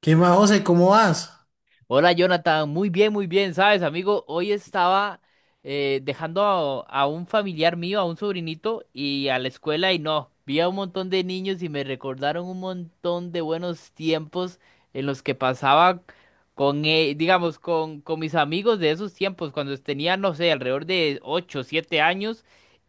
¿Qué más, José? ¿Cómo vas? Hola Jonathan, muy bien, sabes, amigo, hoy estaba dejando a un familiar mío, a un sobrinito, y a la escuela y no, vi a un montón de niños y me recordaron un montón de buenos tiempos en los que pasaba con mis amigos de esos tiempos, cuando tenía, no sé, alrededor de 8, 7 años,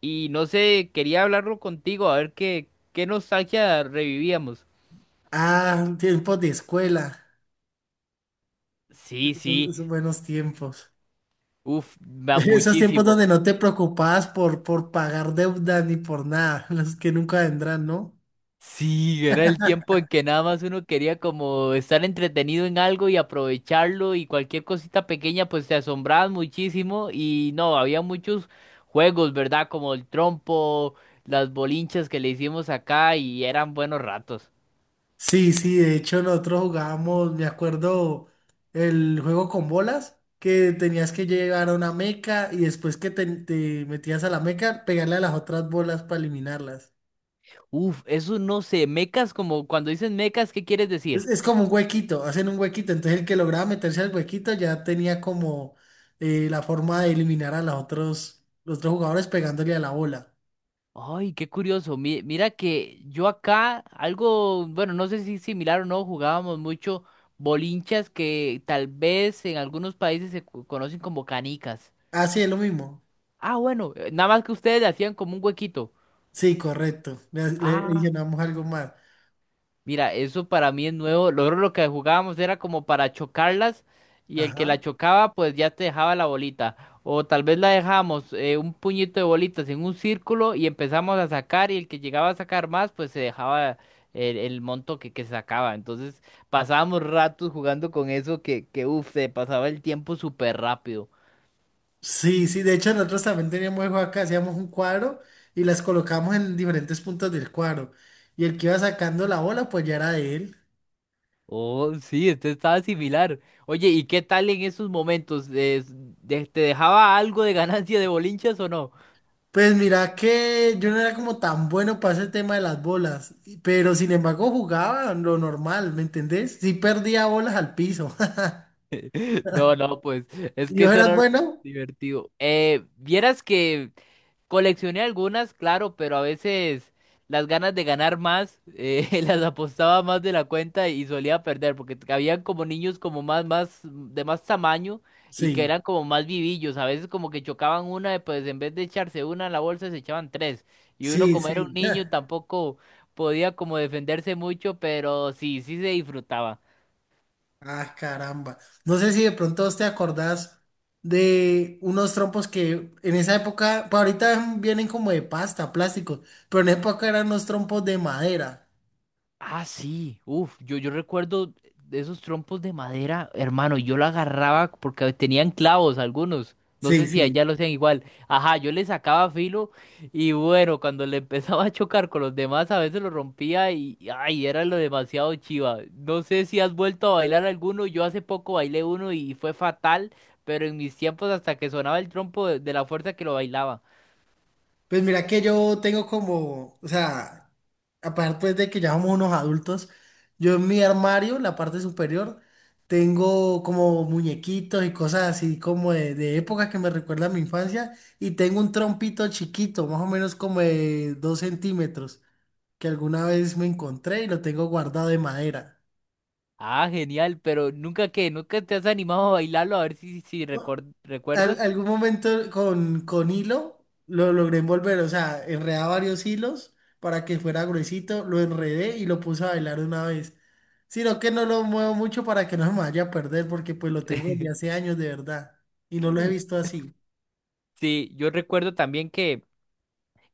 y no sé, quería hablarlo contigo, a ver qué nostalgia revivíamos. Ah, tiempos de escuela, Sí, esos, sí, esos buenos tiempos. uff, Esos tiempos muchísimo. donde no te preocupabas por, pagar deuda ni por nada, los que nunca vendrán, ¿no? Sí, era el tiempo en que nada más uno quería como estar entretenido en algo y aprovecharlo y cualquier cosita pequeña pues te asombrabas muchísimo y no, había muchos juegos, ¿verdad? Como el trompo, las bolinchas que le hicimos acá y eran buenos ratos. Sí, sí, de hecho nosotros jugábamos, me acuerdo, el juego con bolas, que tenías que llegar a una meca y después que te metías a la meca, pegarle a las otras bolas para eliminarlas. Uf, eso no sé, mecas como cuando dicen mecas, ¿qué quieres Es, decir? es como un huequito, hacen un huequito. Entonces el que lograba meterse al huequito ya tenía como la forma de eliminar a los otros jugadores pegándole a la bola. Ay, qué curioso. Mira que yo acá algo, bueno, no sé si similar o no, jugábamos mucho bolinchas que tal vez en algunos países conocen como canicas. Ah, sí, es lo mismo. Ah, bueno, nada más que ustedes le hacían como un huequito. Sí, correcto. Le Ah. adicionamos algo más. Mira, eso para mí es nuevo. Luego lo que jugábamos era como para chocarlas y el que la Ajá. chocaba pues ya te dejaba la bolita. O tal vez la dejamos un puñito de bolitas en un círculo y empezamos a sacar y el que llegaba a sacar más pues se dejaba el monto que sacaba. Entonces pasábamos ratos jugando con eso que uff, se pasaba el tiempo súper rápido. Sí, sí, de hecho nosotros también teníamos el juego acá, hacíamos un cuadro y las colocamos en diferentes puntos del cuadro. Y el que iba sacando la bola, pues ya era de él. Oh, sí, este estaba similar. Oye, ¿y qué tal en esos momentos? Te dejaba algo de ganancia de bolinchas o no? Pues mira que yo no era como tan bueno para ese tema de las bolas, pero sin embargo jugaba lo normal, ¿me entendés? Sí perdía bolas al piso. No, no, pues es ¿Y que vos eso eras era lo bueno? divertido. Vieras que coleccioné algunas, claro, pero a veces las ganas de ganar más, las apostaba más de la cuenta y solía perder, porque habían como niños como más, de más tamaño y que Sí, eran como más vivillos. A veces como que chocaban una, y pues en vez de echarse una en la bolsa, se echaban tres. Y uno sí, como era un sí. niño tampoco podía como defenderse mucho, pero sí, sí se disfrutaba. Ah, caramba. No sé si de pronto vos te acordás de unos trompos que en esa época, pues ahorita vienen como de pasta, plásticos, pero en esa época eran unos trompos de madera. Ah, sí, uf, yo recuerdo de esos trompos de madera, hermano, y yo lo agarraba porque tenían clavos algunos, no Sí, sé si sí. allá lo hacían igual, ajá, yo le sacaba filo y bueno, cuando le empezaba a chocar con los demás a veces lo rompía ay, era lo demasiado chiva, no sé si has vuelto a bailar alguno, yo hace poco bailé uno y fue fatal, pero en mis tiempos hasta que sonaba el trompo de la fuerza que lo bailaba. Pues mira que yo tengo como, o sea, aparte pues de que ya somos unos adultos, yo en mi armario, la parte superior, tengo como muñequitos y cosas así como de época que me recuerda a mi infancia y tengo un trompito chiquito, más o menos como de 2 cm, que alguna vez me encontré y lo tengo guardado de madera. Ah, genial, pero nunca te has animado a bailarlo, a ver si recuerdas. Algún momento con, hilo lo logré envolver, o sea, enredaba varios hilos para que fuera gruesito, lo enredé y lo puse a bailar una vez. Sino que no lo muevo mucho para que no se me vaya a perder, porque pues lo tengo desde hace años de verdad y no lo he visto así. Sí, yo recuerdo también que,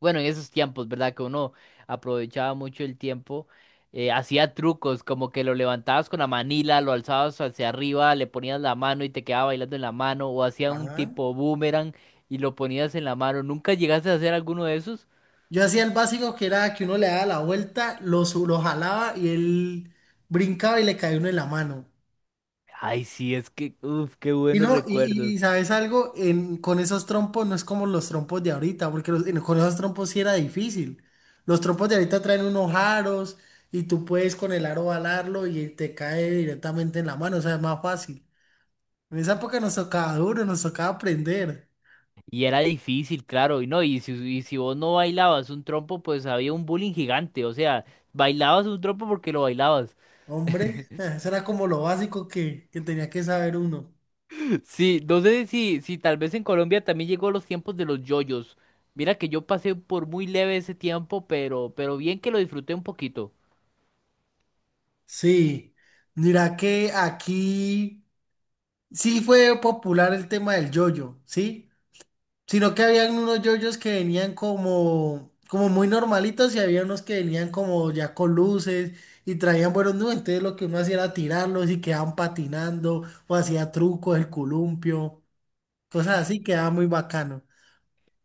bueno, en esos tiempos, ¿verdad? Que uno aprovechaba mucho el tiempo, hacía trucos, como que lo levantabas con la manila, lo alzabas hacia arriba, le ponías la mano y te quedaba bailando en la mano, o hacía un Ajá. tipo boomerang y lo ponías en la mano. ¿Nunca llegaste a hacer alguno de esos? Yo hacía el básico que era que uno le daba la vuelta, lo jalaba y él brincaba y le caía uno en la mano. Ay, sí, es que, uff, qué Y buenos no, recuerdos. Sabes algo, con esos trompos no es como los trompos de ahorita, porque con esos trompos sí era difícil. Los trompos de ahorita traen unos aros y tú puedes con el aro balarlo y te cae directamente en la mano, o sea, es más fácil. En esa época nos tocaba duro, nos tocaba aprender. Y era difícil, claro, y no, y si vos no bailabas un trompo, pues había un bullying gigante, o sea, bailabas un trompo porque lo bailabas. Hombre, eso era como lo básico que tenía que saber uno. Sí, no sé si tal vez en Colombia también llegó los tiempos de los yoyos. Mira que yo pasé por muy leve ese tiempo, pero bien que lo disfruté un poquito. Sí, mira que aquí sí fue popular el tema del yoyo, ¿sí? Sino que habían unos yoyos que venían como, muy normalitos y había unos que venían como ya con luces y traían buenos nubes. Entonces lo que uno hacía era tirarlos y quedaban patinando o hacía trucos, el columpio, cosas así, quedaba muy bacano.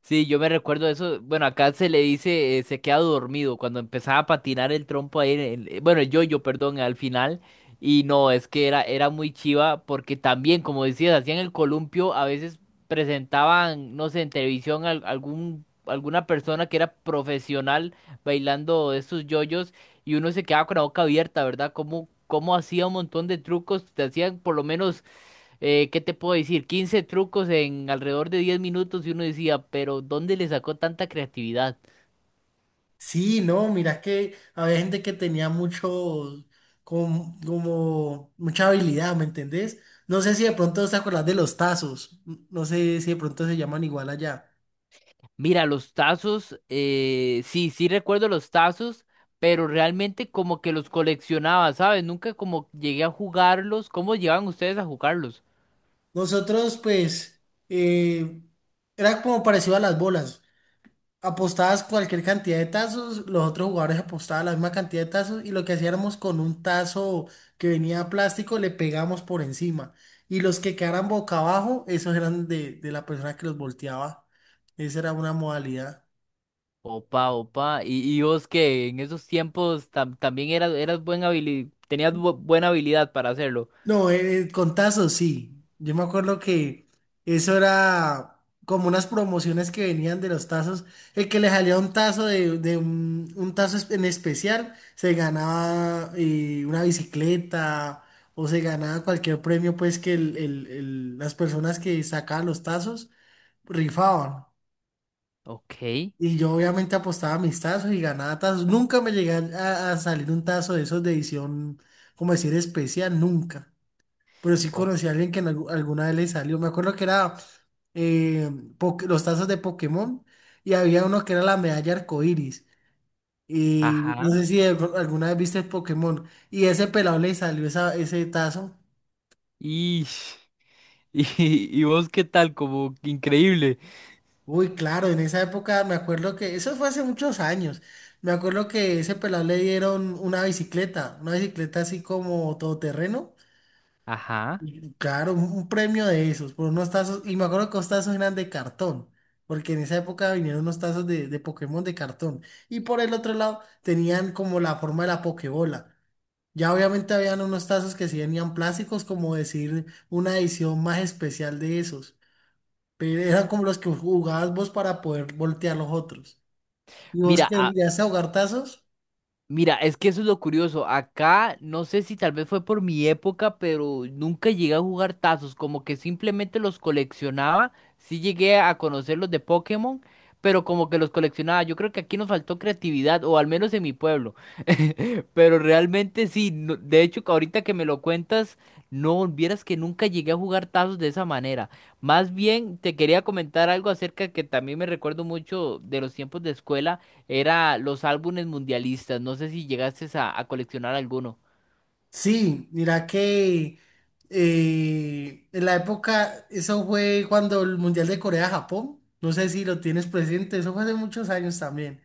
Sí, yo me recuerdo eso. Bueno, acá se le dice, se queda dormido cuando empezaba a patinar el trompo ahí, bueno, el yoyo, perdón, al final. Y no, es que era muy chiva porque también, como decías, hacían el columpio, a veces presentaban, no sé, en televisión algún, alguna persona que era profesional bailando estos yoyos y uno se quedaba con la boca abierta, ¿verdad? Como, como hacía un montón de trucos, te hacían por lo menos ¿qué te puedo decir? 15 trucos en alrededor de 10 minutos y uno decía, pero ¿dónde le sacó tanta creatividad? Sí, no, mira que había gente que tenía mucho, como, mucha habilidad, ¿me entendés? No sé si de pronto te acuerdas de los tazos, no sé si de pronto se llaman igual allá. Mira, los tazos, sí, sí recuerdo los tazos, pero realmente como que los coleccionaba, ¿sabes? Nunca como llegué a jugarlos. ¿Cómo llegaban ustedes a jugarlos? Nosotros, pues, eh, era como parecido a las bolas. Apostabas cualquier cantidad de tazos, los otros jugadores apostaban la misma cantidad de tazos y lo que hacíamos con un tazo que venía plástico, le pegamos por encima. Y los que quedaran boca abajo, esos eran de la persona que los volteaba. Esa era una modalidad. Opa, opa. Y vos que en esos tiempos también eras tenías buena habilidad para hacerlo? No, contazo, sí. Yo me acuerdo que eso era como unas promociones que venían de los tazos. El que le salía un tazo de un tazo en especial, se ganaba una bicicleta o se ganaba cualquier premio, pues que las personas que sacaban los tazos rifaban. Ok. Y yo obviamente apostaba mis tazos y ganaba tazos. Nunca me llegué a salir un tazo de esos de edición, como decir, especial, nunca pero sí Oh, conocí a alguien que en alguna vez le salió. Me acuerdo que era eh, los tazos de Pokémon y había uno que era la medalla arcoíris. Y ajá. no sé si alguna vez viste Pokémon y ese pelado le salió ese tazo. Ish. Y, y vos qué tal, como increíble. Uy, claro, en esa época me acuerdo que eso fue hace muchos años. Me acuerdo que ese pelado le dieron una bicicleta así como todoterreno. Ajá. Claro, un premio de esos, por unos tazos, y me acuerdo que los tazos eran de cartón, porque en esa época vinieron unos tazos de Pokémon de cartón, y por el otro lado tenían como la forma de la Pokébola. Ya obviamente habían unos tazos que sí venían plásticos, como decir una edición más especial de esos, pero eran como los que jugabas vos para poder voltear los otros. ¿Y vos Mira, que a, llegaste a jugar tazos? Mira, es que eso es lo curioso. Acá, no sé si tal vez fue por mi época, pero nunca llegué a jugar tazos. Como que simplemente los coleccionaba. Sí llegué a conocer los de Pokémon, pero como que los coleccionaba. Yo creo que aquí nos faltó creatividad, o al menos en mi pueblo. Pero realmente sí. De hecho, que ahorita que me lo cuentas, no vieras que nunca llegué a jugar tazos de esa manera. Más bien, te quería comentar algo acerca que también me recuerdo mucho de los tiempos de escuela. Era los álbumes mundialistas. No sé si llegaste a coleccionar alguno. Sí, mira que en la época, eso fue cuando el Mundial de Corea-Japón, no sé si lo tienes presente, eso fue hace muchos años también.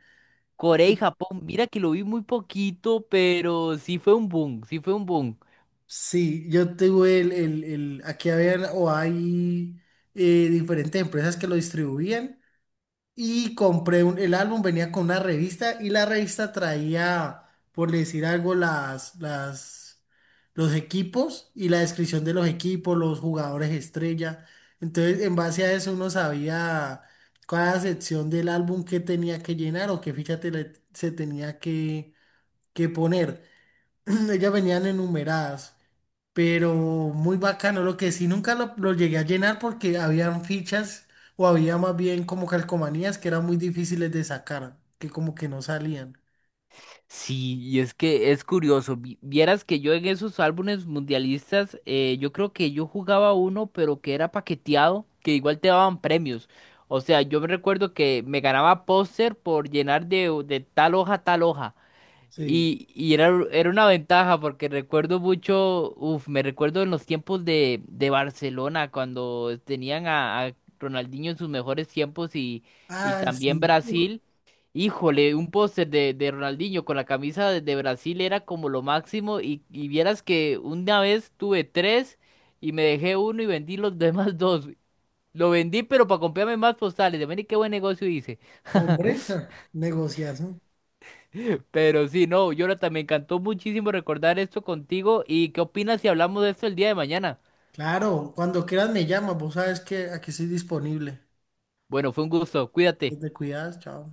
Corea y Japón, mira que lo vi muy poquito, pero sí fue un boom, sí fue un boom. Sí, yo tuve aquí habían o hay diferentes empresas que lo distribuían. Y compré el álbum, venía con una revista y la revista traía, por decir algo, las, los equipos y la descripción de los equipos, los jugadores estrella. Entonces, en base a eso uno sabía cada sección del álbum que tenía que llenar o qué ficha se tenía que poner. Ellas venían enumeradas, pero muy bacano. Lo que sí nunca lo llegué a llenar porque habían fichas o había más bien como calcomanías que eran muy difíciles de sacar, que como que no salían. Sí, y es que es curioso. Vieras que yo en esos álbumes mundialistas, yo creo que yo jugaba uno, pero que era paqueteado, que igual te daban premios. O sea, yo me recuerdo que me ganaba póster por llenar de tal hoja a tal hoja. Sí. Y era una ventaja porque recuerdo mucho, uf, me recuerdo en los tiempos de Barcelona cuando tenían a Ronaldinho en sus mejores tiempos y Ah, también sí. Uf, Brasil. Híjole, un póster de Ronaldinho con la camisa de Brasil era como lo máximo y vieras que una vez tuve tres y me dejé uno y vendí los demás dos. Lo vendí pero para comprarme más postales. De ver qué buen negocio hice. hombre, negociazo. Pero sí, no, Jonathan, me encantó muchísimo recordar esto contigo. ¿Y qué opinas si hablamos de esto el día de mañana? Claro, cuando quieras me llamas, vos sabes que aquí estoy disponible. Bueno, fue un gusto, cuídate. Te cuidas, chao.